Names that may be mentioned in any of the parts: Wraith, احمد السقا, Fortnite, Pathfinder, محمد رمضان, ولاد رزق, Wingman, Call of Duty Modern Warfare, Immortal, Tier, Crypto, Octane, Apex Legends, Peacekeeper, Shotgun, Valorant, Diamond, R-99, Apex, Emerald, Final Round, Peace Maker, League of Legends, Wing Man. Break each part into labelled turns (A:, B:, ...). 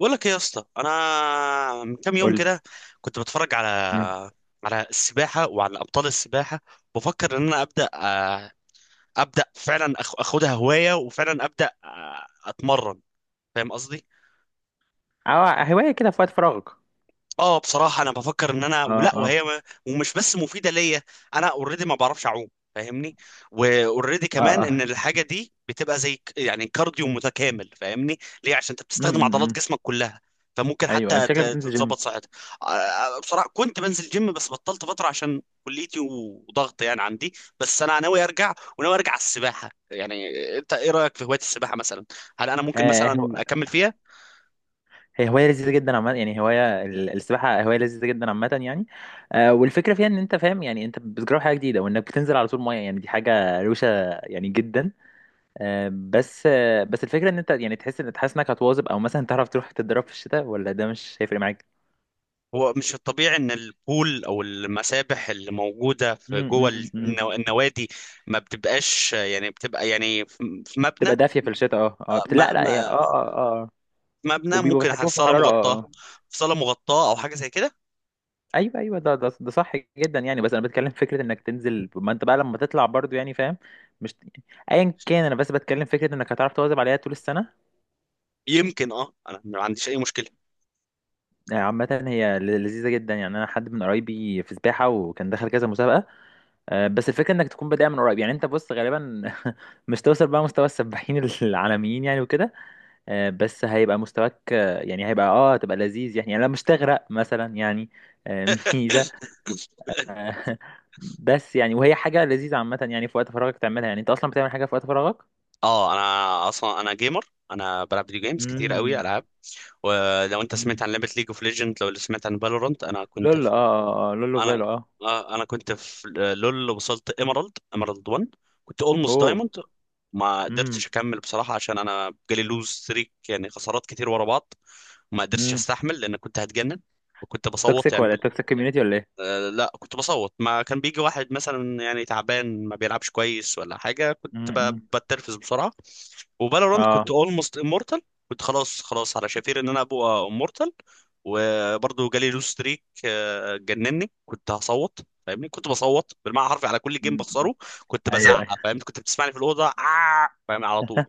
A: بقول لك ايه يا اسطى؟ انا من كام يوم
B: قول لي.
A: كده كنت بتفرج على
B: مم.
A: السباحه وعلى ابطال السباحه، بفكر ان انا ابدا ابدا فعلا اخدها هوايه، وفعلا ابدا، اتمرن. فاهم قصدي؟
B: اه، هواية كده في وقت فراغك؟
A: اه بصراحة انا بفكر ان انا،
B: اه،
A: ولا
B: اه،
A: وهي ما- ومش بس مفيدة ليا، انا اوريدي ما بعرفش اعوم، فاهمني؟ واوريدي
B: اه،
A: كمان
B: اه.
A: ان الحاجة دي بتبقى زي يعني كارديو متكامل. فاهمني ليه؟ عشان انت
B: مم،
A: بتستخدم
B: مم، مم.
A: عضلات جسمك كلها، فممكن
B: ايوه،
A: حتى
B: شكلك بتنزل جيم.
A: تتظبط صحتك. بصراحة كنت بنزل جيم بس بطلت فترة عشان كليتي وضغط يعني عندي، بس انا ناوي ارجع وناوي ارجع على السباحة يعني. انت ايه رأيك في هواية السباحة مثلا؟ هل انا ممكن
B: آه
A: مثلا
B: هو-
A: اكمل فيها؟
B: هي هواية لذيذة جدا عامة، يعني هواية السباحة هواية لذيذة جدا عامة يعني. والفكرة فيها ان انت فاهم، يعني انت بتجرب حاجة جديدة وانك بتنزل على طول مية، يعني دي حاجة روشة يعني جدا. بس الفكرة ان انت يعني تحس تحس انك هتواظب، او مثلا تعرف تروح تتدرب في الشتاء، ولا ده مش هيفرق معاك.
A: هو مش الطبيعي ان البول او المسابح اللي موجوده في
B: مم،
A: جوه
B: مم، مم.
A: النوادي ما بتبقاش، يعني بتبقى يعني في مبنى؟
B: تبقى دافية في الشتاء، اه اه، لا
A: ما
B: لا
A: ما
B: هي، اه اه اه.
A: في مبنى
B: وبيبقوا
A: ممكن على
B: بيتحكموا في
A: الصاله
B: الحرارة، اه
A: مغطاه،
B: اه.
A: في صاله مغطاه او حاجه زي كده.
B: ايوه ايوه، ده صح جدا، يعني بس انا بتكلم في فكره انك تنزل، ما انت بقى لما تطلع برضو يعني، فاهم؟ مش ايا كان، انا بس بتكلم في فكره انك هتعرف تواظب عليها طول السنه.
A: يمكن اه انا ما عنديش اي مشكله.
B: يعني عامه هي لذيذه جدا يعني. انا حد من قرايبي في سباحه وكان دخل كذا مسابقه. آه، بس الفكره انك تكون بادئ من قريب يعني. انت بص، غالبا مش توصل بقى مستوى السباحين العالميين يعني وكده. آه، بس هيبقى مستواك، يعني هيبقى، هتبقى لذيذ يعني لا مش تغرق مثلا يعني. آه، ميزه. بس يعني وهي حاجة لذيذة عامة يعني، في وقت فراغك تعملها. يعني انت اصلا بتعمل حاجة في وقت فراغك؟
A: اه انا اصلا انا جيمر، انا بلعب فيديو جيمز كتير قوي،
B: امم.
A: العاب. ولو انت
B: أمم.
A: سمعت عن لعبه ليج اوف ليجند، لو سمعت عن فالورانت، انا كنت،
B: لول، آه، آه، لولو
A: انا
B: فيلو اه.
A: انا كنت في لول، وصلت ايمرالد، ايمرالد 1، كنت اولموست
B: اوه.
A: دايموند. ما
B: امم.
A: قدرتش اكمل بصراحه عشان انا جالي لوز ستريك، يعني خسارات كتير ورا بعض، ما قدرتش
B: امم.
A: استحمل لان كنت هتجنن، وكنت بصوت
B: توكسيك
A: يعني.
B: ولا توكسيك كوميونيتي ولا ايه؟
A: لا كنت بصوت، ما كان بيجي واحد مثلا يعني تعبان ما بيلعبش كويس ولا حاجة كنت
B: أمم. أمم.
A: بتنرفز بسرعة. وفالورانت كنت
B: اه.
A: اولموست امورتال، كنت خلاص على شفير ان انا ابقى امورتال، وبرضه جالي لوس ستريك، جنني، كنت هصوت، فاهمني؟ كنت بصوت بالمعنى الحرفي على كل جيم
B: أمم.
A: بخسره، كنت
B: ايوه
A: بزعق،
B: ايوه.
A: فاهمني؟ كنت بتسمعني في الأوضة، آه، فاهم على طول؟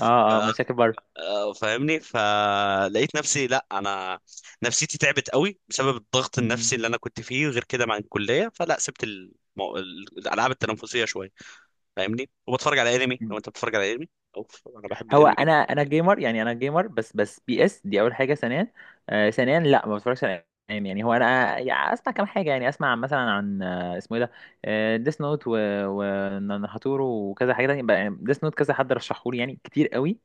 B: اه اه، مشاكل بره.
A: فاهمني؟ فلقيت نفسي، لا انا نفسيتي تعبت قوي بسبب الضغط النفسي اللي انا كنت فيه غير كده مع الكليه، فلا سبت الالعاب التنافسيه شويه. فاهمني؟ وبتفرج على انمي،
B: أمم.
A: لو انت بتتفرج على انمي، اوف انا بحب
B: هو
A: الانمي
B: انا،
A: جدا.
B: جيمر يعني، انا جيمر بس بي اس دي اول حاجه. ثانيا، ثانيا لا ما بتفرجش على انمي يعني. هو انا يعني اسمع كام حاجه، يعني اسمع مثلا عن، اسمه ايه ده، ديس نوت وناتورو وكذا حاجه تانية بقى. ديس نوت كذا حد رشحه لي يعني كتير قوي.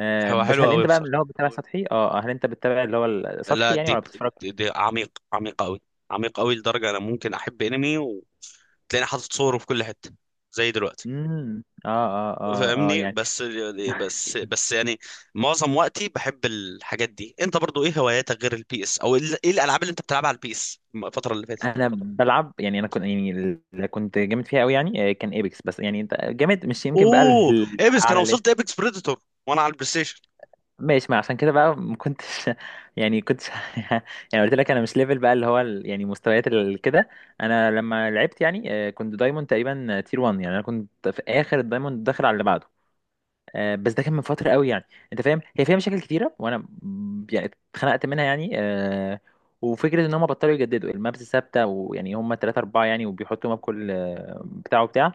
B: آه،
A: هو
B: بس
A: حلو
B: هل
A: قوي
B: انت بقى من
A: بصراحه،
B: اللي هو بتتابع سطحي؟ هل انت بتتابع اللي هو السطحي
A: لا
B: يعني، ولا
A: ديب،
B: بتتفرج؟
A: دي عميق عميق قوي، عميق قوي لدرجه انا ممكن احب انمي وتلاقيني حاطط صوره في كل حته زي دلوقتي،
B: امم. اه اه اه اه.
A: فاهمني؟
B: يعني
A: بس يعني معظم وقتي بحب الحاجات دي. انت برضو ايه هواياتك غير البي اس، او ايه الالعاب اللي انت بتلعبها على البي اس الفتره اللي فاتت؟
B: انا بلعب يعني، انا كنت يعني اللي كنت جامد فيها قوي يعني، آه، كان ايبكس. بس يعني انت جامد، مش يمكن بقى
A: اوه، ايبكس كان،
B: الاعلى.
A: وصلت ايبكس بريدتور وانا على البلاي ستيشن.
B: ماشي، ما عشان كده بقى ما كنتش يعني كنتش. يعني قلت لك انا مش ليفل بقى اللي هو يعني مستويات كده. انا لما لعبت يعني، آه، كنت دايموند تقريبا تير 1، يعني انا كنت في اخر الدايموند داخل على اللي بعده. آه، بس ده كان من فترة قوي يعني. انت فاهم هي فيها مشاكل كتيرة، وانا يعني اتخنقت منها يعني، آه. وفكرة ان هم بطلوا يجددوا المابس ثابتة، ويعني هم تلاتة اربعة يعني، وبيحطوا ماب كل، آه، بتاع وبتاع.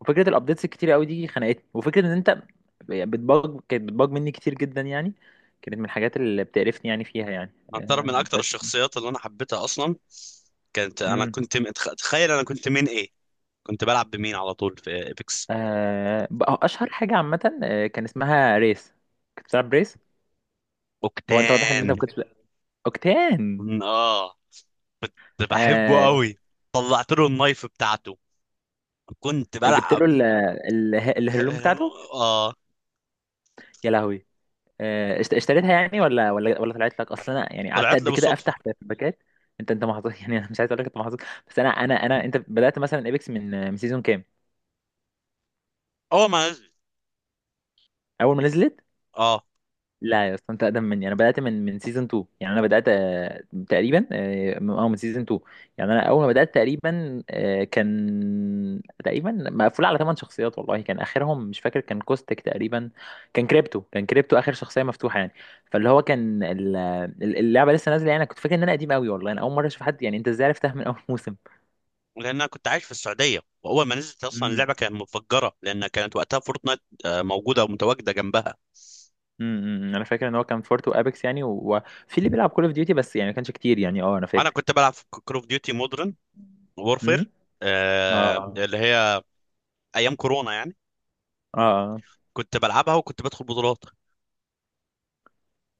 B: وفكرة الابديتس الكتيرة قوي دي خنقتني، وفكرة ان انت يعني بتباج، كانت بتباج مني كتير جدا يعني. كانت من الحاجات اللي بتقرفني يعني فيها يعني،
A: اعترف من
B: آه،
A: اكتر
B: بس.
A: الشخصيات اللي انا حبيتها اصلا كانت، انا
B: امم.
A: كنت تخيل انا كنت مين؟ ايه كنت بلعب بمين على طول في ايبكس؟
B: آه، بقى اشهر حاجة عامة آه، كان اسمها ريس. كنت بتلعب ريس؟ هو انت واضح ان
A: اوكتان.
B: انت ما كنتش اوكتان.
A: اه كنت بحبه
B: آه،
A: قوي، طلعت له النايف بتاعته، كنت
B: جبت له
A: بلعب.
B: الهدوم بتاعته؟
A: اه،
B: يا لهوي. آه، اشتريتها يعني، ولا طلعت لك اصلا؟ انا يعني قعدت
A: طلعت لي
B: قد كده افتح
A: بالصدفه.
B: في الباكات. انت انت محظوظ، يعني انا مش عايز اقول لك انت محظوظ. بس انا انت بدات مثلا ايبكس من من سيزون كام؟
A: اول ما نزلت،
B: اول ما نزلت؟
A: اه.
B: لا يا اسطى، انت اقدم مني. انا بدات من من سيزون 2 يعني. انا بدات آه، تقريبا اه، من، آه، من سيزون 2 يعني. انا اول ما بدات تقريبا، آه، كان تقريبا مقفول على ثمان شخصيات. والله كان اخرهم مش فاكر، كان كوستك تقريبا. كان كريبتو، كان كريبتو اخر شخصيه مفتوحه يعني. فاللي هو كان اللعبه لسه نازله يعني. انا كنت فاكر ان انا قديم قوي، والله انا اول مره اشوف حد. يعني انت ازاي عرفتها من اول موسم؟
A: لان انا كنت عايش في السعوديه، واول ما نزلت اصلا
B: امم.
A: اللعبه كانت متفجره، لان كانت وقتها فورتنايت موجوده ومتواجده جنبها.
B: امم. انا فاكر ان هو كان فورت وابيكس يعني، وفي اللي بيلعب كول اوف ديوتي، بس يعني ما كانش كتير يعني. اه، انا
A: انا
B: فاكر.
A: كنت بلعب في كول اوف ديوتي مودرن
B: امم.
A: وورفير،
B: اه
A: اللي هي ايام كورونا يعني،
B: اه.
A: كنت بلعبها وكنت بدخل بطولات.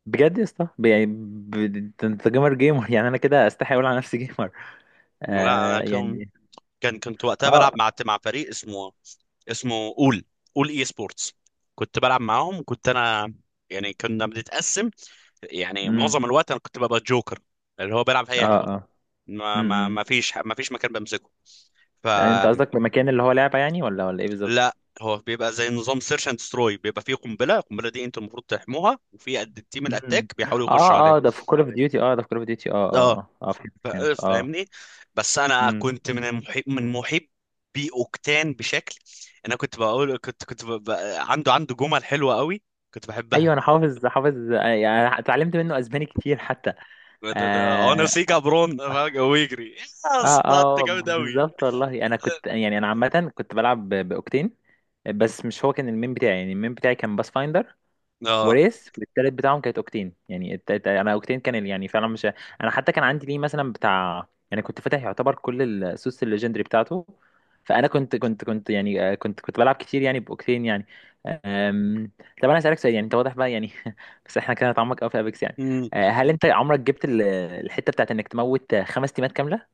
B: بجد يا اسطى، يعني انت انت جيمر جيمر يعني. انا كده استحي اقول على نفسي جيمر.
A: لا انا
B: آه
A: كان،
B: يعني.
A: كنت وقتها بلعب
B: اه.
A: مع فريق اسمه، اسمه اول، اول اي سبورتس. كنت بلعب معاهم وكنت انا، يعني كنا بنتقسم، يعني
B: امم.
A: معظم الوقت انا كنت ببقى جوكر، اللي هو بيلعب في
B: اه
A: اي حته،
B: اه.
A: ما ما
B: امم.
A: ما فيش ما فيش مكان بمسكه،
B: يعني انت
A: فلا.
B: قصدك بمكان اللي هو لعبه يعني، ولا ولا ايه بالظبط؟
A: هو بيبقى زي نظام سيرش اند ستروي، بيبقى فيه قنبله، القنبله دي انت المفروض تحموها، وفي قد التيم
B: امم.
A: الاتاك بيحاولوا يخشوا
B: اه
A: عليها.
B: اه، ده في كول اوف ديوتي، اه ده في كول اوف ديوتي، اه
A: اه،
B: اه اه اه، فهمت فهمت اه.
A: فاهمني؟ بس انا
B: امم.
A: كنت من المحب، من محبي اوكتان بشكل. انا كنت بقول كنت كنت عنده، جمل حلوه قوي كنت
B: ايوه.
A: بحبها.
B: انا حافظ حافظ، آه، يعني اتعلمت منه اسباني كتير حتى.
A: انا
B: آه.
A: سيكا برون فجأة ويجري يا
B: اه
A: اسطى، انت
B: اه،
A: جامد قوي.
B: بالظبط والله. انا كنت يعني، انا عامه كنت بلعب باوكتين. بس مش هو كان المين بتاعي يعني، المين بتاعي كان باس فايندر،
A: اه،
B: وريس، والتالت بتاعهم كانت اوكتين يعني. انا اوكتين كان يعني فعلا مش. انا حتى كان عندي ليه مثلا بتاع يعني، كنت فاتح يعتبر كل السوس الليجندري بتاعته. فانا كنت يعني، آه، كنت بلعب كتير يعني باوكتين يعني. أم، طب انا اسالك سؤال. يعني انت واضح بقى يعني، بس احنا كده هنتعمق قوي في ابيكس يعني.
A: مم.
B: آه، هل انت عمرك جبت الحته بتاعت انك تموت خمس تيمات كامله؟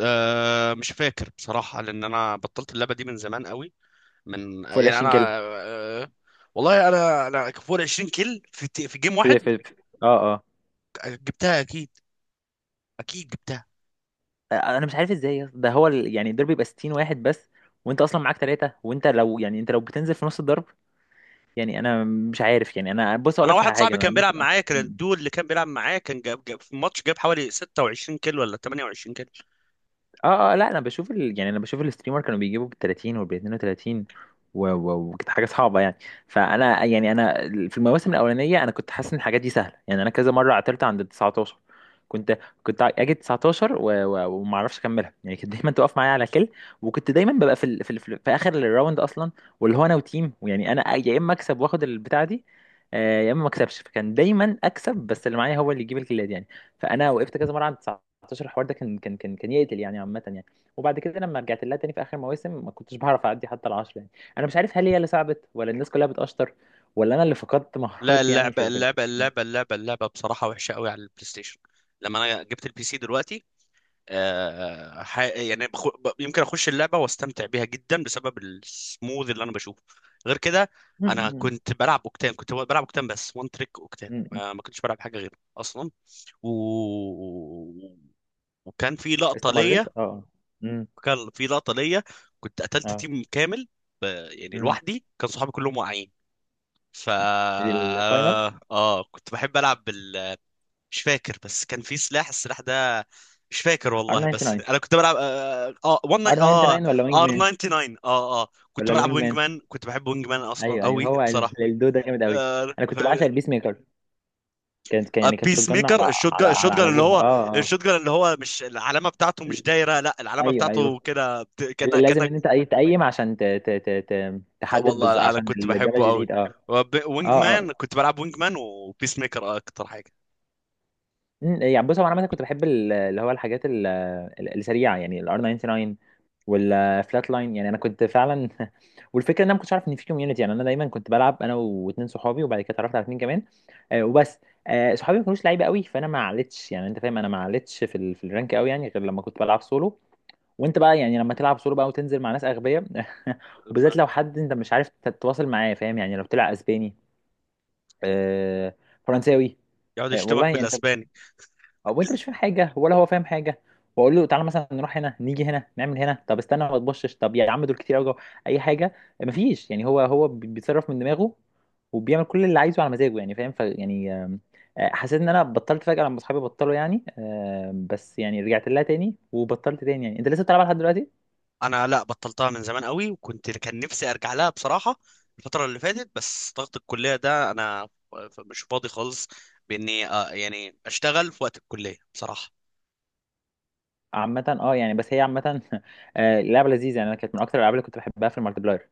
A: آه مش فاكر بصراحة، لأن أنا بطلت اللعبة دي من زمان قوي، من
B: فول
A: يعني
B: 20
A: انا،
B: كده؟
A: آه، والله انا فوق 20 كيل في في جيم
B: في
A: واحد
B: في في- اه اه.
A: جبتها اكيد، اكيد جبتها.
B: انا مش عارف ازاي يا اسطى. ده هو ال... يعني الضرب يبقى 60 واحد بس، وانت اصلا معاك ثلاثه، وانت لو يعني، انت لو بتنزل في نص الضرب. يعني انا مش عارف. يعني انا بص، اقول
A: انا
B: لك على
A: واحد
B: حاجه،
A: صاحبي
B: انا
A: كان
B: لما في
A: بيلعب
B: الأمر.
A: معايا كان الدول اللي كان بيلعب معايا كان جاب، في الماتش جاب حوالي 26 كيل ولا 28 كيل.
B: اه اه. لا انا بشوف ال... يعني انا بشوف الستريمر كانوا بيجيبوا بال 30 وبال 32، و... و... وكانت حاجه صعبه يعني. فانا يعني انا، في المواسم الاولانيه، انا كنت حاسس ان الحاجات دي سهله يعني. انا كذا مره عطلت عند ال 19. كنت كنت اجي 19 و... و... وما اعرفش اكملها يعني. كانت دايما تقف معايا على كل. وكنت دايما ببقى في ال... في في اخر الراوند اصلا. واللي هو انا وتيم، ويعني انا يا اما اكسب واخد البتاعه دي، آه، يا اما ما اكسبش. فكان دايما اكسب، بس اللي معايا هو اللي يجيب الكيلات يعني. فانا وقفت كذا مره عند 2019. الحوار ده كان يقتل يعني عامة يعني. وبعد كده لما رجعت لها تاني في آخر مواسم، ما كنتش بعرف أعدي حتى العشرة يعني. أنا مش عارف، هل هي اللي صعبت، ولا الناس كلها بتقشطر، ولا أنا اللي فقدت
A: لا
B: مهاراتي يعني،
A: اللعبة،
B: في في.
A: اللعبة
B: م-
A: اللعبة اللعبة اللعبة بصراحة وحشة قوي على البلاي ستيشن. لما انا جبت البي سي دلوقتي، يعني يمكن اخش اللعبه واستمتع بيها جدا بسبب السموذ اللي انا بشوفه، غير كده. انا
B: م-
A: كنت بلعب اوكتان، كنت بلعب اوكتان بس وان تريك اوكتان،
B: م.
A: ما كنتش بلعب حاجه غيره اصلا. و... وكان في لقطه ليا،
B: استمريت اه. امم.
A: كان في لقطه ليا كنت قتلت
B: اه.
A: تيم كامل ب... يعني
B: امم.
A: لوحدي، كان صحابي كلهم واقعين. ف
B: الفاينل.
A: اه كنت بحب العب. مش فاكر، بس كان في سلاح، السلاح ده مش فاكر
B: ار
A: والله، بس
B: 99؟
A: انا كنت بلعب اه اه ون
B: ار
A: اه
B: 99 ولا وينج
A: ار
B: مان؟
A: 99 اه اه، كنت
B: ولا
A: بلعب
B: الوينج
A: وينج
B: مان؟
A: مان، كنت بحب وينج مان اصلا
B: ايوه ايوه،
A: قوي
B: هو
A: بصراحه.
B: الدو ده جامد قوي.
A: آه
B: انا كنت بعشق البيس ميكر. كان يعني كانت شوت
A: بيس
B: جن
A: ميكر،
B: على
A: الشوت
B: على
A: جان،
B: على على ابوها، اه اه.
A: الشوت جان اللي هو مش العلامه بتاعته مش دايره، لا العلامه
B: ايوه
A: بتاعته
B: ايوه،
A: كده
B: اللي
A: كانك،
B: لازم ان انت اي تقيم عشان تحدد بالظبط،
A: والله انا
B: عشان
A: كنت
B: الدمج
A: بحبه قوي.
B: يزيد اه.
A: وينج
B: اه اه.
A: مان، كنت بلعب وينج مان وبيس ميكر اكتر حاجه.
B: أمم، يعني بص هو، انا عامه كنت بحب اللي هو الحاجات السريعه يعني، الار 99 والفلات لاين. يعني انا كنت فعلا والفكره ان انا ما كنتش عارف ان في كوميونتي يعني. انا دايما كنت بلعب انا واتنين صحابي، وبعد كده اتعرفت على اتنين كمان. آه، وبس. آه، صحابي ما كانوش لعيبه قوي، فانا ما علتش يعني. انت فاهم، انا ما علتش في الرانك قوي يعني، غير لما كنت بلعب سولو. وانت بقى يعني، لما تلعب سولو بقى وتنزل مع ناس اغبياء،
A: ف-
B: وبالذات لو حد انت مش عارف تتواصل معاه، فاهم يعني؟ لو بتلعب اسباني، آه، فرنساوي،
A: يقعد
B: آه،
A: يشتمك
B: والله انت.
A: بالاسباني.
B: او انت مش فاهم حاجه، ولا هو فاهم حاجه. واقول له تعالى مثلا نروح هنا، نيجي هنا، نعمل هنا، طب استنى ما تبصش، طب يا عم دول كتير قوي، اي حاجه. مفيش يعني، هو هو بيتصرف من دماغه، وبيعمل كل اللي عايزه على مزاجه يعني، فاهم؟ ف يعني آم، آه، حسيت ان انا بطلت فجاه لما اصحابي بطلوا يعني، آم، بس يعني رجعت لها تاني وبطلت تاني يعني. انت لسه بتلعبها لحد دلوقتي؟
A: انا لا، بطلتها من زمان قوي، وكنت كان نفسي ارجع لها بصراحه الفتره اللي فاتت، بس ضغط الكليه ده انا مش فاضي خالص، باني يعني اشتغل في وقت الكليه بصراحه.
B: عامة اه يعني، بس هي عامة آه، لعبة لذيذة يعني. انا كانت من اكتر الالعاب اللي كنت بحبها في المالتي بلاير.